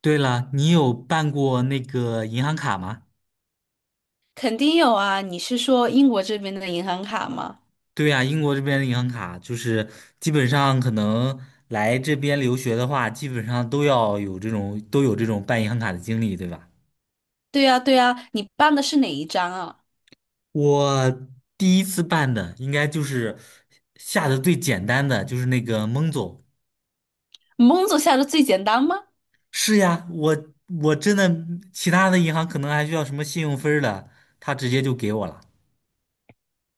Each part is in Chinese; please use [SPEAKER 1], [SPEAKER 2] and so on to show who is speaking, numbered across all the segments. [SPEAKER 1] 对了，你有办过那个银行卡吗？
[SPEAKER 2] 肯定有啊，你是说英国这边的银行卡吗？
[SPEAKER 1] 对呀，英国这边的银行卡就是基本上可能来这边留学的话，基本上都要有这种办银行卡的经历，对吧？
[SPEAKER 2] 对呀，对呀，你办的是哪一张啊？
[SPEAKER 1] 我第一次办的应该就是下的最简单的，就是那个蒙总。
[SPEAKER 2] 蒙总下的最简单吗？
[SPEAKER 1] 是呀，我真的其他的银行可能还需要什么信用分儿的，他直接就给我了。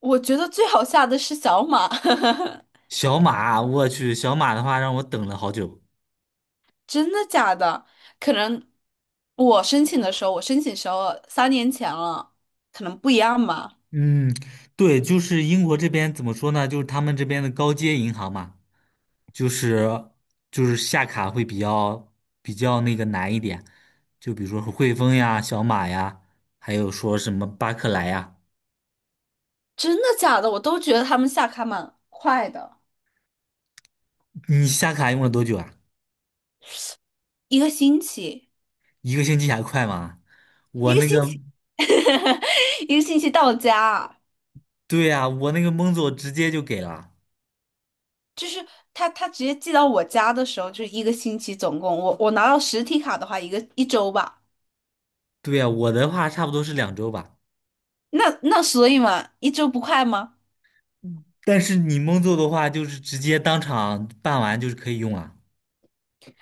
[SPEAKER 2] 我觉得最好下的是小马，
[SPEAKER 1] 小马，我去，小马的话让我等了好久。
[SPEAKER 2] 真的假的？可能我申请时候3年前了，可能不一样吧。
[SPEAKER 1] 嗯，对，就是英国这边怎么说呢？就是他们这边的高阶银行嘛，就是就是下卡会比较那个难一点，就比如说汇丰呀、小马呀，还有说什么巴克莱呀。
[SPEAKER 2] 真的假的？我都觉得他们下卡蛮快的，
[SPEAKER 1] 你下卡用了多久啊？
[SPEAKER 2] 一个星期，
[SPEAKER 1] 一个星期还快吗？我
[SPEAKER 2] 一个
[SPEAKER 1] 那
[SPEAKER 2] 星
[SPEAKER 1] 个，
[SPEAKER 2] 期，一个星期到家。
[SPEAKER 1] 对呀、我那个蒙总直接就给了。
[SPEAKER 2] 就是他直接寄到我家的时候，就是一个星期总共，我拿到实体卡的话，一周吧。
[SPEAKER 1] 对呀、我的话差不多是2周吧。
[SPEAKER 2] 那所以嘛，一周不快吗？
[SPEAKER 1] 但是你蒙总的话，就是直接当场办完就是可以用了。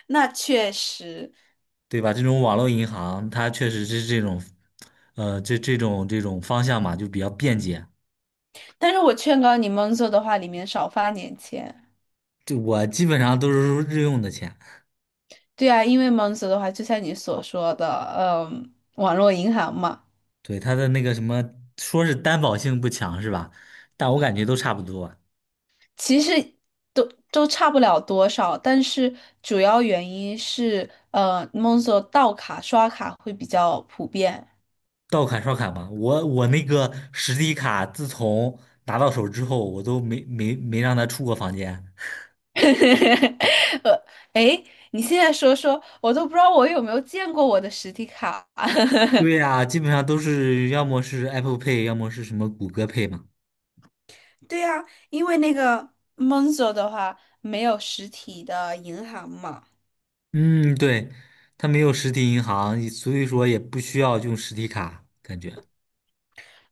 [SPEAKER 2] 那确实，
[SPEAKER 1] 对吧？这种网络银行，它确实是这种，这种方向嘛，就比较便捷。
[SPEAKER 2] 但是我劝告你，Monzo 的话里面少发点钱。
[SPEAKER 1] 就我基本上都是日用的钱，
[SPEAKER 2] 对啊，因为 Monzo 的话，就像你所说的，网络银行嘛，
[SPEAKER 1] 对它的那个什么，说是担保性不强是吧？但我感觉都差不多，
[SPEAKER 2] 其实都都差不了多少，但是主要原因是，Monzo 盗卡刷卡会比较普遍。
[SPEAKER 1] 到卡刷卡嘛。我那个实体卡，自从拿到手之后，我都没让它出过房间。
[SPEAKER 2] 呃，哎，你现在说说，我都不知道我有没有见过我的实体卡。
[SPEAKER 1] 对呀，基本上都是要么是 Apple Pay，要么是什么谷歌 Pay 嘛。
[SPEAKER 2] 对呀，因为那个 Monzo 的话没有实体的银行嘛。
[SPEAKER 1] 嗯，对，它没有实体银行，所以说也不需要用实体卡，感觉。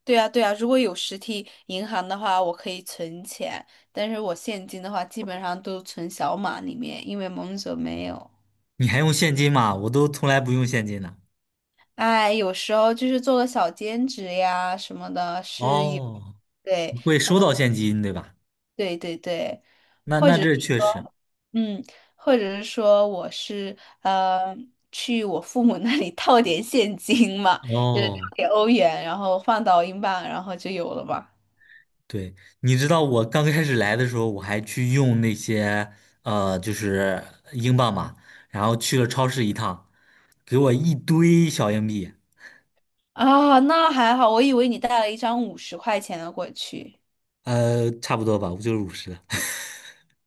[SPEAKER 2] 对呀，对呀，如果有实体银行的话，我可以存钱，但是我现金的话基本上都存小码里面，因为 Monzo 没有。
[SPEAKER 1] 你还用现金吗？我都从来不用现金的，
[SPEAKER 2] 哎，有时候就是做个小兼职呀什么的，是有，
[SPEAKER 1] 哦
[SPEAKER 2] 对
[SPEAKER 1] 你会收到现金，对吧？
[SPEAKER 2] 对对对，
[SPEAKER 1] 那
[SPEAKER 2] 或
[SPEAKER 1] 那
[SPEAKER 2] 者
[SPEAKER 1] 这确实。
[SPEAKER 2] 说。嗯，或者是说我是呃去我父母 那里套点现金嘛，就是套
[SPEAKER 1] 哦，
[SPEAKER 2] 点欧元，然后换到英镑，然后就有了嘛。
[SPEAKER 1] 对，你知道我刚开始来的时候，我还去用那些就是英镑嘛，然后去了超市一趟，给我一堆小硬币，
[SPEAKER 2] 啊，那还好，我以为你带了一张50块钱的过去，
[SPEAKER 1] 差不多吧，我就是五十。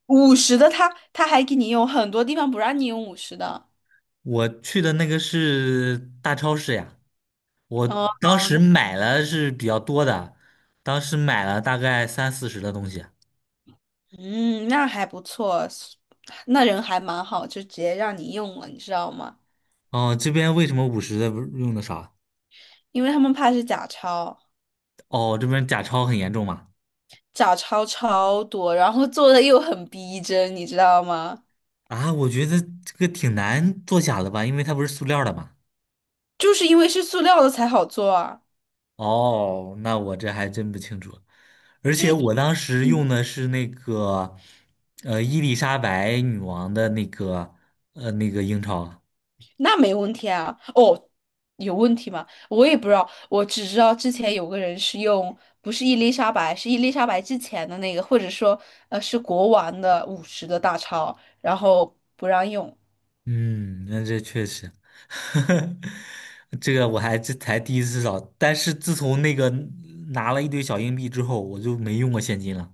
[SPEAKER 2] 五十的他还给你用，很多地方不让你用五十的。
[SPEAKER 1] 我去的那个是大超市呀，我
[SPEAKER 2] 哦，
[SPEAKER 1] 当时买了是比较多的，当时买了大概30-40的东西。
[SPEAKER 2] 嗯，那还不错，那人还蛮好，就直接让你用了，你知道吗？
[SPEAKER 1] 哦，这边为什么五十的不用的少？
[SPEAKER 2] 因为他们怕是假钞，
[SPEAKER 1] 哦，这边假钞很严重嘛？
[SPEAKER 2] 假钞超多，然后做的又很逼真，你知道吗？
[SPEAKER 1] 啊，我觉得这个挺难做假的吧，因为它不是塑料的嘛。
[SPEAKER 2] 就是因为是塑料的才好做啊，
[SPEAKER 1] 哦，那我这还真不清楚。而且我当时
[SPEAKER 2] 嗯，
[SPEAKER 1] 用的是那个，伊丽莎白女王的那个，那个英钞。
[SPEAKER 2] 那没问题啊。哦，有问题吗？我也不知道，我只知道之前有个人是用，不是伊丽莎白，是伊丽莎白之前的那个，或者说是国王的五十的大钞，然后不让用，
[SPEAKER 1] 嗯，那这确实，这个我还这才第一次找，但是自从那个拿了一堆小硬币之后，我就没用过现金了。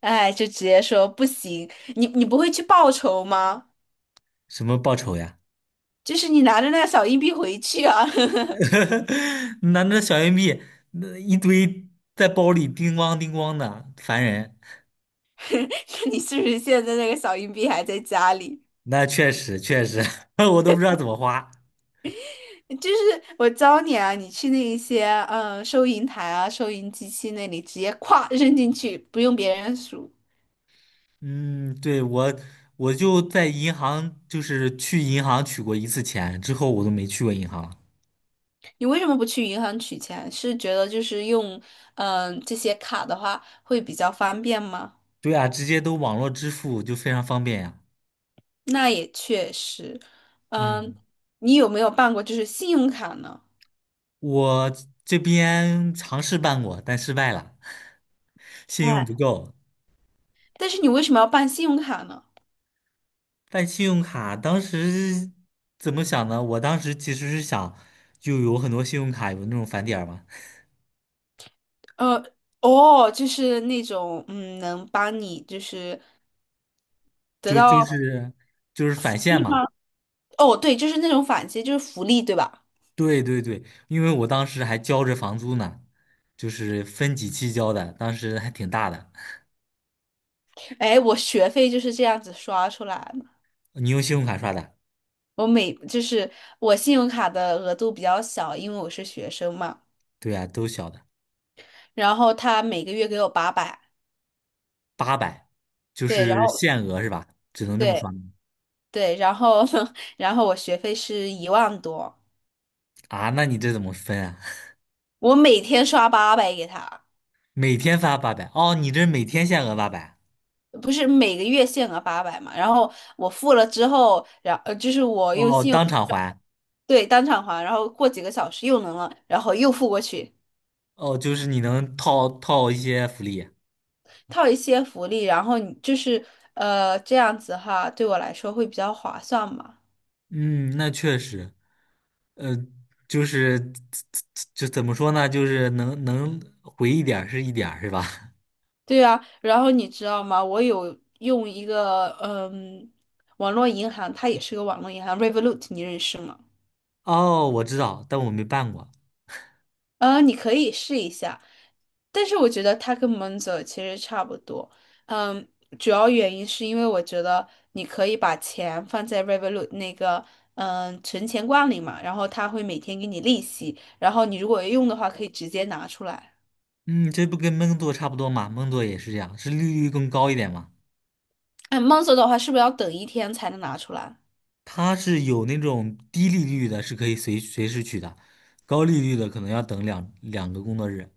[SPEAKER 2] 哎，就直接说不行，你不会去报仇吗？
[SPEAKER 1] 什么报酬呀？
[SPEAKER 2] 就是你拿着那个小硬币回去啊，
[SPEAKER 1] 拿着小硬币，那一堆在包里叮咣叮咣的，烦人。
[SPEAKER 2] 看你是不是现在那个小硬币还在家里。
[SPEAKER 1] 那确实确实，我都不知道怎么花。
[SPEAKER 2] 就是我教你啊，你去那一些收银台啊、收银机器那里直接咵扔进去，不用别人数。
[SPEAKER 1] 嗯，对，我就在银行，就是去银行取过一次钱，之后我都没去过银行。
[SPEAKER 2] 你为什么不去银行取钱？是觉得就是用这些卡的话会比较方便吗？
[SPEAKER 1] 对啊，直接都网络支付就非常方便呀。
[SPEAKER 2] 那也确实，嗯、
[SPEAKER 1] 嗯，
[SPEAKER 2] 你有没有办过就是信用卡呢？
[SPEAKER 1] 我这边尝试办过，但失败了，信用
[SPEAKER 2] 哎，
[SPEAKER 1] 不够。
[SPEAKER 2] 但是你为什么要办信用卡呢？
[SPEAKER 1] 办信用卡当时怎么想呢？我当时其实是想，就有很多信用卡有那种返点儿嘛，
[SPEAKER 2] 呃，哦，就是那种能帮你就是得
[SPEAKER 1] 就就
[SPEAKER 2] 到
[SPEAKER 1] 是就是返现
[SPEAKER 2] 利
[SPEAKER 1] 嘛。
[SPEAKER 2] 吗？哦，对，就是那种返息，就是福利，对吧？
[SPEAKER 1] 对对对，因为我当时还交着房租呢，就是分几期交的，当时还挺大的。
[SPEAKER 2] 哎，我学费就是这样子刷出来的。
[SPEAKER 1] 你用信用卡刷的？
[SPEAKER 2] 我每就是我信用卡的额度比较小，因为我是学生嘛。
[SPEAKER 1] 对呀，都小的，
[SPEAKER 2] 然后他每个月给我八百，
[SPEAKER 1] 八百，就
[SPEAKER 2] 对，然
[SPEAKER 1] 是
[SPEAKER 2] 后
[SPEAKER 1] 限额是吧？只能这么
[SPEAKER 2] 对
[SPEAKER 1] 刷吗
[SPEAKER 2] 对，然后 然后我学费是1万多，
[SPEAKER 1] 啊？那你这怎么分啊？
[SPEAKER 2] 我每天刷八百给他，
[SPEAKER 1] 每天发八百，哦，你这是每天限额八百，
[SPEAKER 2] 不是每个月限额八百嘛。然后我付了之后，
[SPEAKER 1] 哦，当场还，
[SPEAKER 2] 对当场还，然后过几个小时又能了，然后又付过去，
[SPEAKER 1] 哦，就是你能套套一些福利，
[SPEAKER 2] 套一些福利，然后你就是这样子哈，对我来说会比较划算嘛。
[SPEAKER 1] 嗯，那确实，呃，就是就怎么说呢，就是能回一点儿是一点儿，是吧？
[SPEAKER 2] 对啊，然后你知道吗？我有用一个网络银行，它也是个网络银行，Revolut，你认识吗？
[SPEAKER 1] 哦，我知道，但我没办过，
[SPEAKER 2] 嗯，你可以试一下，但是我觉得它跟 Monzo 其实差不多。嗯，主要原因是因为我觉得你可以把钱放在 Revolut 那个存钱罐里嘛，然后它会每天给你利息，然后你如果用的话可以直接拿出来。
[SPEAKER 1] 嗯，这不跟闷做差不多嘛？闷做也是这样，是利率更高一点嘛？
[SPEAKER 2] 哎，Monzo 的话是不是要等一天才能拿出来？
[SPEAKER 1] 它是有那种低利率的，是可以随时取的，高利率的可能要等两个工作日。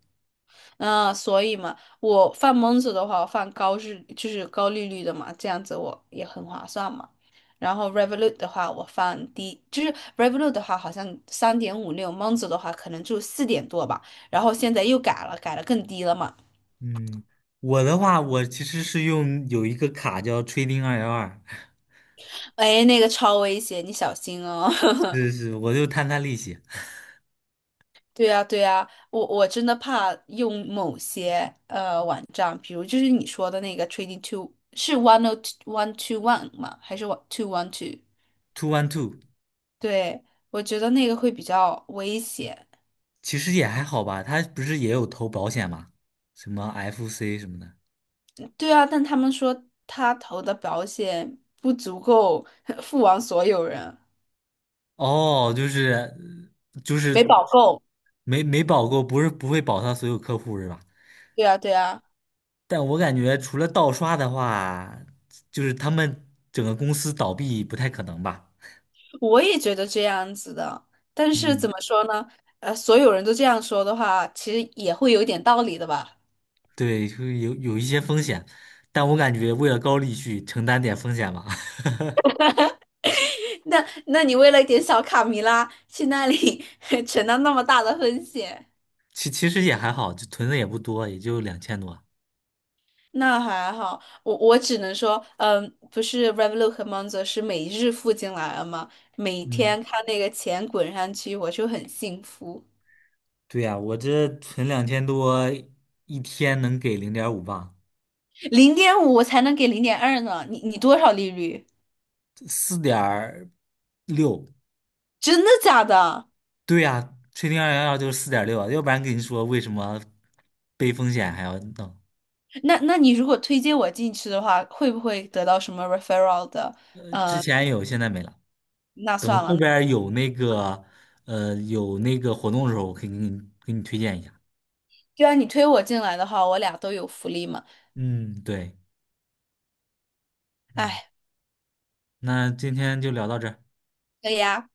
[SPEAKER 2] 嗯，所以嘛，我放蒙子的话，我放高日就是高利率的嘛，这样子我也很划算嘛。然后 Revolut 的话，我放低，就是 Revolut 的话好像3.56，蒙子的话可能就四点多吧。然后现在又改了，改了更低了嘛。
[SPEAKER 1] 嗯，我的话，我其实是用有一个卡叫 Trading 212，
[SPEAKER 2] 哎，那个超危险，你小心哦。
[SPEAKER 1] 是是，我就摊摊利息
[SPEAKER 2] 对呀，对呀，我真的怕用某些网站，比如就是你说的那个 Trading Two 是 10121 吗？还是 1212？
[SPEAKER 1] ，212，
[SPEAKER 2] 对，我觉得那个会比较危险。
[SPEAKER 1] 其实也还好吧。他不是也有投保险吗？什么 FC 什么的。
[SPEAKER 2] 对啊，但他们说他投的保险不足够 付完所有人，
[SPEAKER 1] 哦，就是就
[SPEAKER 2] 没
[SPEAKER 1] 是
[SPEAKER 2] 保够。
[SPEAKER 1] 没保过，不是不会保他所有客户是吧？
[SPEAKER 2] 对啊，对啊，
[SPEAKER 1] 但我感觉除了盗刷的话，就是他们整个公司倒闭不太可能吧。
[SPEAKER 2] 我也觉得这样子的。但是
[SPEAKER 1] 嗯
[SPEAKER 2] 怎么说呢？所有人都这样说的话，其实也会有点道理的吧？
[SPEAKER 1] 对，就是有一些风险，但我感觉为了高利息承担点风险吧。
[SPEAKER 2] 那你为了一点小卡米拉去那里 承担那么大的风险？
[SPEAKER 1] 其实也还好，就存的也不多，也就两千多。
[SPEAKER 2] 那还好，我只能说，不是 Revolut 和 Monzo 是每日付进来了吗？每
[SPEAKER 1] 嗯，
[SPEAKER 2] 天看那个钱滚上去，我就很幸福。
[SPEAKER 1] 对呀，我这存两千多，一天能给0.5吧，
[SPEAKER 2] 0.5我才能给0.2呢，你多少利率？
[SPEAKER 1] 四点六。
[SPEAKER 2] 真的假的？
[SPEAKER 1] 对呀，吹0212就是四点六啊，要不然跟你说为什么背风险还要弄？
[SPEAKER 2] 那你如果推荐我进去的话，会不会得到什么 referral 的？
[SPEAKER 1] 之前有，现在没了。
[SPEAKER 2] 那
[SPEAKER 1] 等
[SPEAKER 2] 算
[SPEAKER 1] 后
[SPEAKER 2] 了，
[SPEAKER 1] 边儿有那个活动的时候，我可以给你推荐一下。
[SPEAKER 2] 就按你推我进来的话，我俩都有福利嘛。
[SPEAKER 1] 嗯，对。嗯。
[SPEAKER 2] 哎，
[SPEAKER 1] 那今天就聊到这儿
[SPEAKER 2] 以呀。